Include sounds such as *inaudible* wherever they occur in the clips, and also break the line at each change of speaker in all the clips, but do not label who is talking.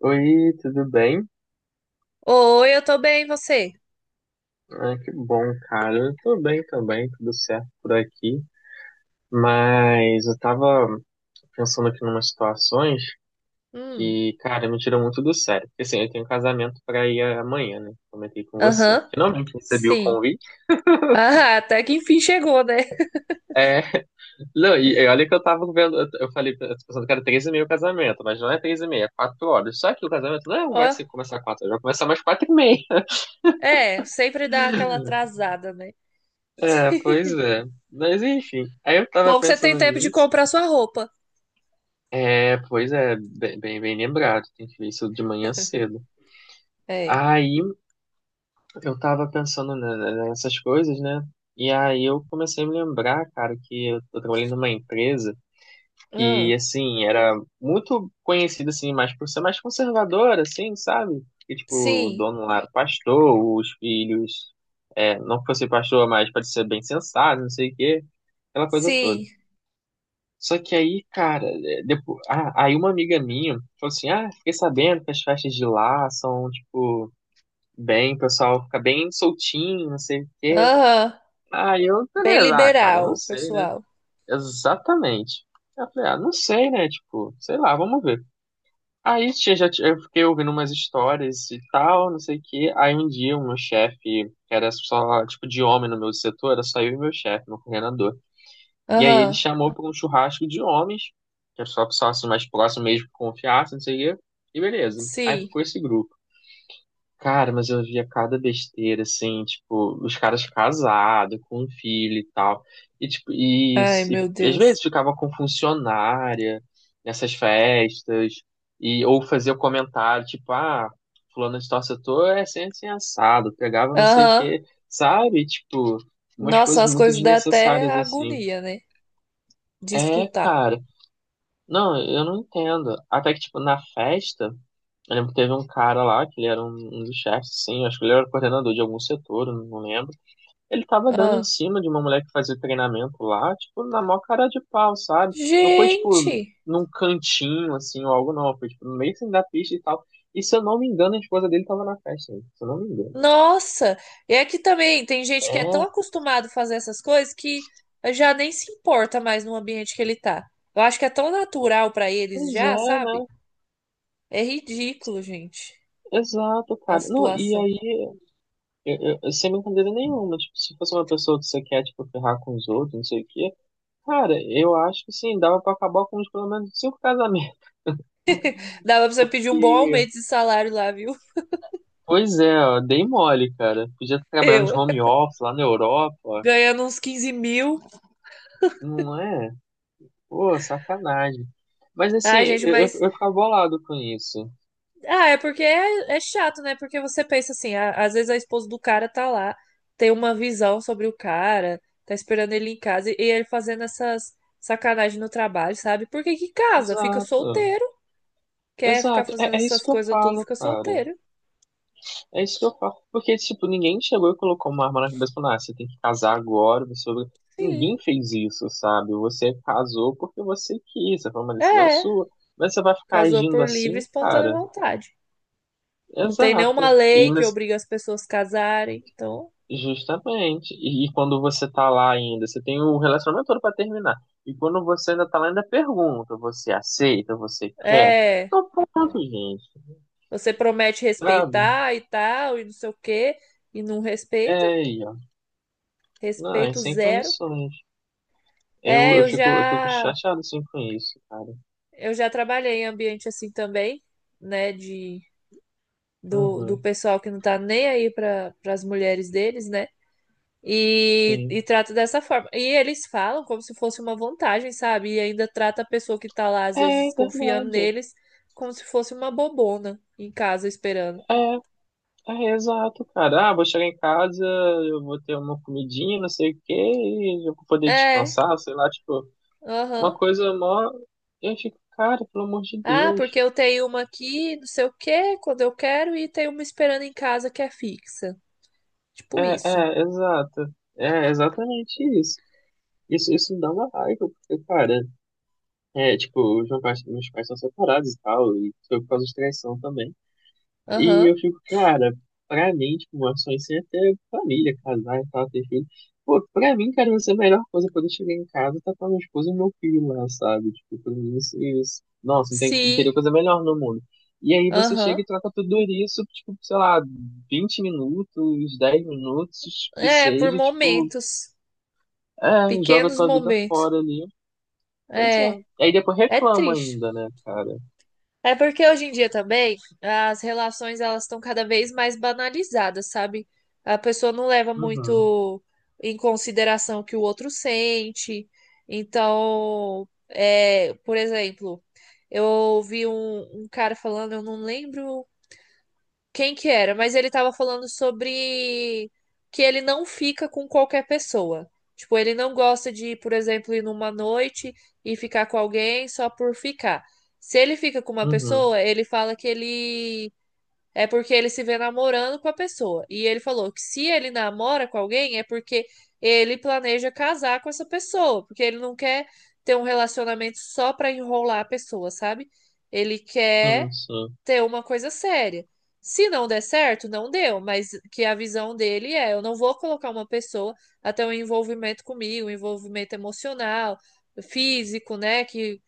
Oi, tudo bem?
Oi, eu tô bem, e você?
Ah, que bom, cara. Eu tô bem também, tudo certo por aqui. Mas eu tava pensando aqui numas situações
Hum.
que, cara, me tiram muito do sério. Porque assim, eu tenho um casamento pra ir amanhã, né? Comentei com você.
Aham,
Finalmente recebi o
sim.
convite.
Ah, até que enfim chegou, né?
É, *laughs* não, e olha que eu tava vendo, eu falei, eu tô pensando que era três e meia o casamento, mas não é três e meia, é quatro horas. Só que o casamento não é um
Ó,
vai se começar quatro horas, vai começar mais quatro e meia.
é, sempre dá aquela atrasada, né?
É, pois é. Mas enfim, aí eu tava
Bom que você tem
pensando
tempo de
nisso.
comprar sua roupa.
É, pois é, bem lembrado, tem que ver isso de manhã cedo.
É.
Aí eu tava pensando nessas coisas, né? E aí eu comecei a me lembrar, cara, que eu trabalhei numa empresa que,
Ah,
assim, era muito conhecida, assim, mais por ser mais conservadora, assim, sabe? Que, tipo, o
sim,
dono lá era pastor, os filhos, é, não que fosse pastor, mas parecia bem sensato, não sei o quê, aquela coisa toda.
sim.
Só que aí, cara, é, depois, ah, aí uma amiga minha falou assim: Ah, fiquei sabendo que as festas de lá são, tipo, bem, o pessoal fica bem soltinho, não sei o quê.
Aham,
Aí eu,
bem
beleza, ah, cara, eu não
liberal,
sei, né?
pessoal.
Exatamente. Eu falei: Ah, não sei, né? Tipo, sei lá, vamos ver. Aí tinha- já, tinha- Eu fiquei ouvindo umas histórias e tal, não sei o quê. Aí um dia, o meu chefe, que era só, tipo, de homem no meu setor, era só eu e meu chefe, meu coordenador. E aí ele
Aham,
chamou para um churrasco de homens, que é só para sócios mais próximos mesmo que confiassem, não sei o quê. E beleza. Aí
sim.
ficou esse grupo. Cara, mas eu via cada besteira, assim, tipo, os caras casados, com um filho e tal. E, tipo, e,
Ai, meu
e às
Deus.
vezes ficava com funcionária nessas festas, e, ou fazia comentário, tipo, ah, fulano de tal setor é sempre assim, assado, pegava não sei o
Aham.
quê, sabe? Tipo, umas
Nossa,
coisas
as
muito
coisas dá até
desnecessárias, assim.
agonia, né? De
É,
escutar.
cara. Não, eu não entendo. Até que, tipo, na festa, eu lembro que teve um cara lá, que ele era um dos chefes, assim, acho que ele era coordenador de algum setor, eu não lembro. Ele tava dando em
Ah,
cima de uma mulher que fazia treinamento lá, tipo, na maior cara de pau, sabe? Não foi, tipo,
gente!
num cantinho, assim, ou algo, não. Foi, tipo, no meio assim, da pista e tal. E se eu não me engano, a esposa dele tava na festa, se eu não me engano.
Nossa. E é que também tem gente que é tão
É,
acostumado a fazer essas coisas que já nem se importa mais no ambiente que ele tá. Eu acho que é tão natural pra eles
pois
já,
é,
sabe?
né?
É ridículo, gente,
Exato,
a
cara. Não, e
situação.
aí eu, sem brincadeira nenhuma, tipo, se fosse uma pessoa que você quer, tipo, ferrar com os outros, não sei o quê, cara, eu acho que sim, dava pra acabar com uns, pelo menos cinco casamentos,
Dava pra
*laughs*
você pedir um bom
porque,
aumento de salário lá, viu? *laughs*
pois é, ó, dei mole, cara, podia estar trabalhando de
Eu
home office lá na Europa, ó.
ganhando uns 15 mil.
Não é? Pô, sacanagem. Mas assim,
Ai, gente,
eu, eu,
mas
eu ficava bolado com isso.
ah, é porque é chato, né? Porque você pensa assim, às vezes a esposa do cara tá lá, tem uma visão sobre o cara, tá esperando ele em casa e ele fazendo essas sacanagens no trabalho, sabe? Por que que casa? Fica
Exato,
solteiro. Quer ficar
exato,
fazendo
é, é isso
essas
que eu
coisas tudo,
falo,
fica
cara.
solteiro.
É isso que eu falo. Porque, tipo, ninguém chegou e colocou uma arma na cabeça e falou, ah, você tem que casar agora, você...
Sim.
Ninguém fez isso, sabe? Você casou porque você quis, essa foi uma decisão
É.
sua. Mas você vai ficar
Casou
agindo
por livre e
assim,
espontânea
cara?
vontade. Não tem nenhuma
Exato.
lei que obriga as pessoas a casarem. Então,
Justamente. E quando você tá lá ainda, você tem o relacionamento todo pra terminar. E quando você ainda tá lá, ainda pergunta, você aceita, você quer?
é.
Então pronto, gente,
Você promete
sabe?
respeitar e tal, e não sei o quê, e não
É
respeita.
aí, ó. Não, é
Respeito
sem
zero.
condições. Eu,
É,
eu
eu
fico, eu fico
já
chateado assim com isso, cara.
eu já trabalhei em ambiente assim também, né, do
Uhum,
pessoal que não tá nem aí para as mulheres deles, né? E,
sim.
e trata dessa forma. E eles falam como se fosse uma vantagem, sabe? E ainda trata a pessoa que tá lá, às
É
vezes, confiando
verdade.
neles, como se fosse uma bobona em casa esperando.
É, é exato, cara. Ah, vou chegar em casa, eu vou ter uma comidinha, não sei o quê, e eu vou poder
É,
descansar, sei lá, tipo, uma
aham.
coisa mó. Eu fico, cara, pelo amor de
Ah,
Deus.
porque eu tenho uma aqui, não sei o quê, quando eu quero, e tenho uma esperando em casa que é fixa.
É,
Tipo isso.
é, exato. É exatamente isso. Isso dá uma raiva, porque, cara, é, tipo, meus pais são separados e tal, e foi por causa de traição também. E eu
Aham.
fico, cara, pra mim, tipo, uma sonho assim é ter família, casar e tal, ter filho. Pô, pra mim, cara, vai ser a melhor coisa quando eu chegar em casa, tá com a minha esposa e meu filho lá, sabe? Tipo, pra mim, isso, isso. Nossa, não, tem, não teria
Sim.
coisa melhor no mundo. E aí você chega
Aham.
e troca tudo isso, tipo, sei lá, 20 minutos, 10 minutos, que
É, por
seja, tipo,
momentos,
é, joga
pequenos
tua vida
momentos.
fora ali. Pois
É,
é. Aí depois
é
reclama
triste.
ainda, né, cara?
É porque hoje em dia também as relações elas estão cada vez mais banalizadas, sabe? A pessoa não leva
Uhum,
muito em consideração o que o outro sente. Então, é, por exemplo, eu ouvi um cara falando, eu não lembro quem que era. Mas ele tava falando sobre que ele não fica com qualquer pessoa. Tipo, ele não gosta de, por exemplo, ir numa noite e ficar com alguém só por ficar. Se ele fica com uma
uhum,
pessoa, ele fala que ele é porque ele se vê namorando com a pessoa. E ele falou que se ele namora com alguém é porque ele planeja casar com essa pessoa, porque ele não quer ter um relacionamento só pra enrolar a pessoa, sabe? Ele
sim,
quer
sim.
ter uma coisa séria. Se não der certo, não deu, mas que a visão dele é: eu não vou colocar uma pessoa até um envolvimento comigo, um envolvimento emocional, físico, né, que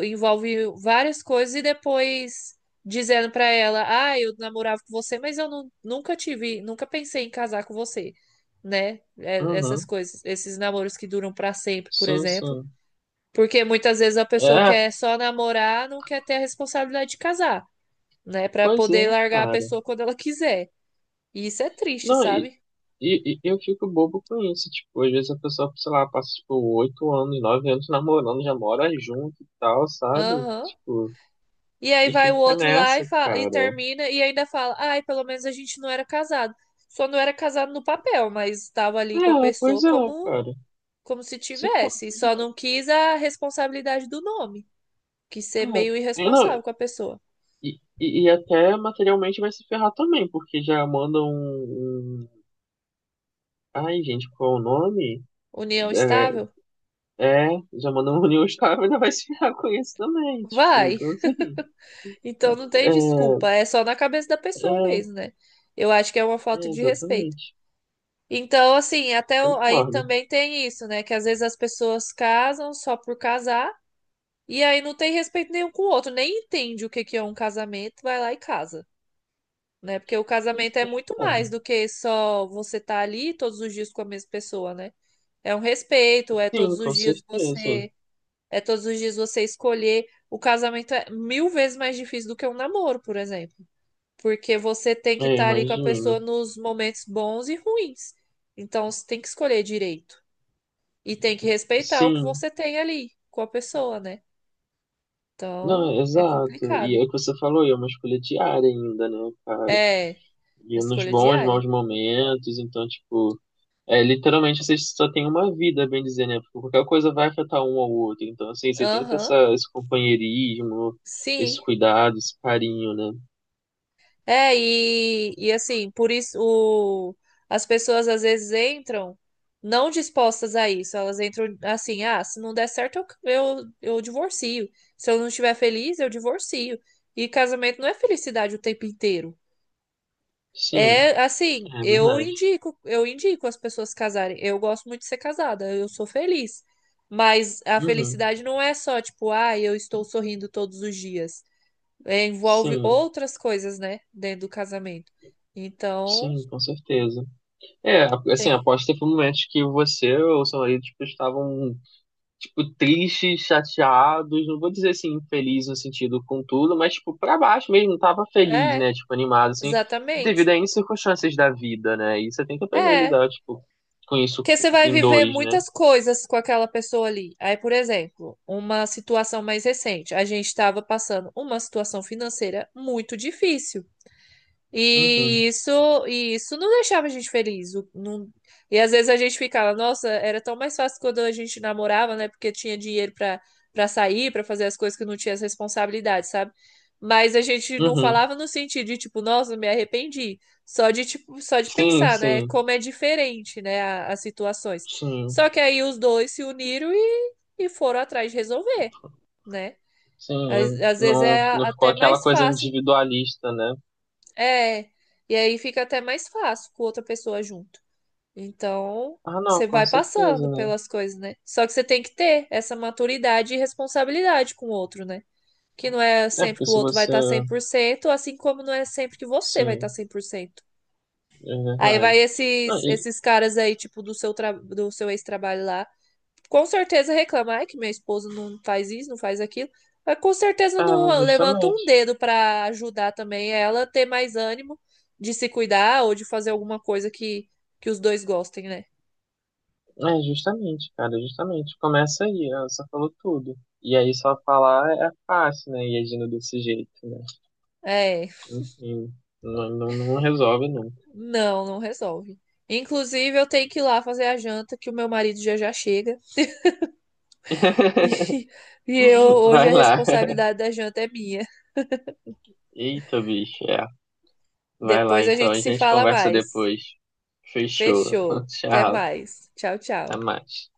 envolve várias coisas e depois dizendo pra ela: "Ah, eu namorava com você, mas eu nunca tive, nunca pensei em casar com você", né? Essas
Uhum,
coisas, esses namoros que duram pra sempre, por
sim,
exemplo,
sim.
porque muitas vezes a pessoa
É,
quer só namorar, não quer ter a responsabilidade de casar, né? Pra
pois é,
poder largar a
cara.
pessoa quando ela quiser. E isso é triste,
Não, e,
sabe?
e, e eu fico bobo com isso. Tipo, às vezes a pessoa, sei lá, passa, tipo, oito anos, nove anos namorando, já mora junto e tal, sabe?
Aham.
Tipo,
E aí
e
vai o
fica
outro lá e,
nessa,
fa- e
cara.
termina e ainda fala: ai, pelo menos a gente não era casado. Só não era casado no papel, mas estava ali com a
É,
pessoa
pois é,
como,
cara.
como se
Se
tivesse.
fosse
Só
já.
não quis a responsabilidade do nome, que ser meio
É. É, não,
irresponsável com a pessoa.
e até materialmente vai se ferrar também, porque já manda um. Um- ai, gente, qual é o nome?
União estável?
É, é, já manda um *laughs* New Star, ainda vai se ferrar com isso também, tipo,
Vai.
então assim.
Então não tem desculpa,
É,
é só na cabeça da pessoa
é,
mesmo, né? Eu acho que é uma falta
É,
de respeito.
exatamente.
Então, assim, até aí
Concordo.
também tem isso, né? Que às vezes as pessoas casam só por casar e aí não tem respeito nenhum com o outro, nem entende o que que é um casamento, vai lá e casa, né? Porque o
Pois
casamento é
é,
muito
cara.
mais do que só você estar ali todos os dias com a mesma pessoa, né? É um respeito, é
Sim,
todos
com
os dias
certeza.
você, é todos os dias você escolher. O casamento é mil vezes mais difícil do que um namoro, por exemplo. Porque você tem que
É,
estar ali com a pessoa
imagino.
nos momentos bons e ruins. Então você tem que escolher direito. E tem que respeitar o que
Sim.
você tem ali com a pessoa, né? Então
Não,
é
exato. E
complicado.
é o que você falou, e é uma escolha diária ainda, né, cara?
É
E nos
escolha
bons, maus
diária.
momentos, então, tipo, é, literalmente você só tem uma vida, bem dizer, né? Porque qualquer coisa vai afetar um ao outro. Então, assim, você tem que ter
Aham,
esse companheirismo, esse
sim.
cuidado, esse carinho, né?
É, e assim, por isso as pessoas às vezes entram não dispostas a isso. Elas entram assim, ah, se não der certo, eu divorcio. Se eu não estiver feliz, eu divorcio. E casamento não é felicidade o tempo inteiro.
Sim,
É assim,
é
eu
verdade.
indico, eu indico as pessoas casarem. Eu gosto muito de ser casada, eu sou feliz. Mas a
Uhum.
felicidade não é só, tipo, ah, eu estou sorrindo todos os dias, é, envolve
Sim,
outras coisas, né, dentro do casamento. Então,
sim, com certeza. É, assim,
tem.
após teve um momento que você ou seu marido, tipo, estavam, tipo, tristes, chateados, não vou dizer, assim, feliz no sentido com tudo, mas, tipo, pra baixo mesmo, tava feliz,
É,
né, tipo, animado, assim, devido
exatamente.
a N circunstâncias da vida, né, e você tem que aprender a
É,
lidar, tipo, com isso
porque você vai
em
viver
dois, né.
muitas coisas com aquela pessoa ali. Aí, por exemplo, uma situação mais recente, a gente estava passando uma situação financeira muito difícil.
Uhum,
E isso não deixava a gente feliz. E às vezes a gente ficava, nossa, era tão mais fácil quando a gente namorava, né? Porque tinha dinheiro pra para sair, pra fazer as coisas que não tinha as responsabilidades, sabe? Mas a gente não
uhum.
falava no sentido de tipo, nossa, me arrependi. Só de tipo, só de
Sim,
pensar, né?
sim,
Como é diferente, né? As situações.
sim,
Só que aí os dois se uniram e foram atrás de resolver, né?
sim,
Às, às vezes
não,
é
não ficou
até
aquela
mais
coisa
fácil
individualista, né.
é, e aí fica até mais fácil com outra pessoa junto. Então,
Ah, não,
você
com
vai passando
certeza, né.
pelas coisas, né? Só que você tem que ter essa maturidade e responsabilidade com o outro, né? Que não é
É,
sempre
porque
que o
se
outro vai
você,
estar 100%, assim como não é sempre que você vai estar
sim.
100%.
É
Aí vai
verdade. Não,
esses
e,
esses caras aí, tipo, do seu ex-trabalho lá, com certeza reclama, ai, que meu esposo não faz isso, não faz aquilo, mas com certeza
ah, mas
não levanta
justamente.
um dedo para ajudar também ela a ter mais ânimo de se cuidar ou de fazer alguma coisa que os dois gostem, né?
É, justamente, cara, justamente. Começa aí, ela só falou tudo. E aí só falar é fácil, né? E agindo desse jeito, né?
É,
Enfim, não, não resolve nunca.
não, não resolve. Inclusive, eu tenho que ir lá fazer a janta, que o meu marido já já chega. *laughs*
*laughs*
E, e eu, hoje
Vai
a
lá.
responsabilidade da janta é minha.
Eita, bicho, é. Vai lá,
Depois a
então.
gente
A
se
gente
fala
conversa
mais.
depois. Fechou.
Fechou.
*laughs*
Até
Tchau.
mais. Tchau,
Até
tchau.
mais.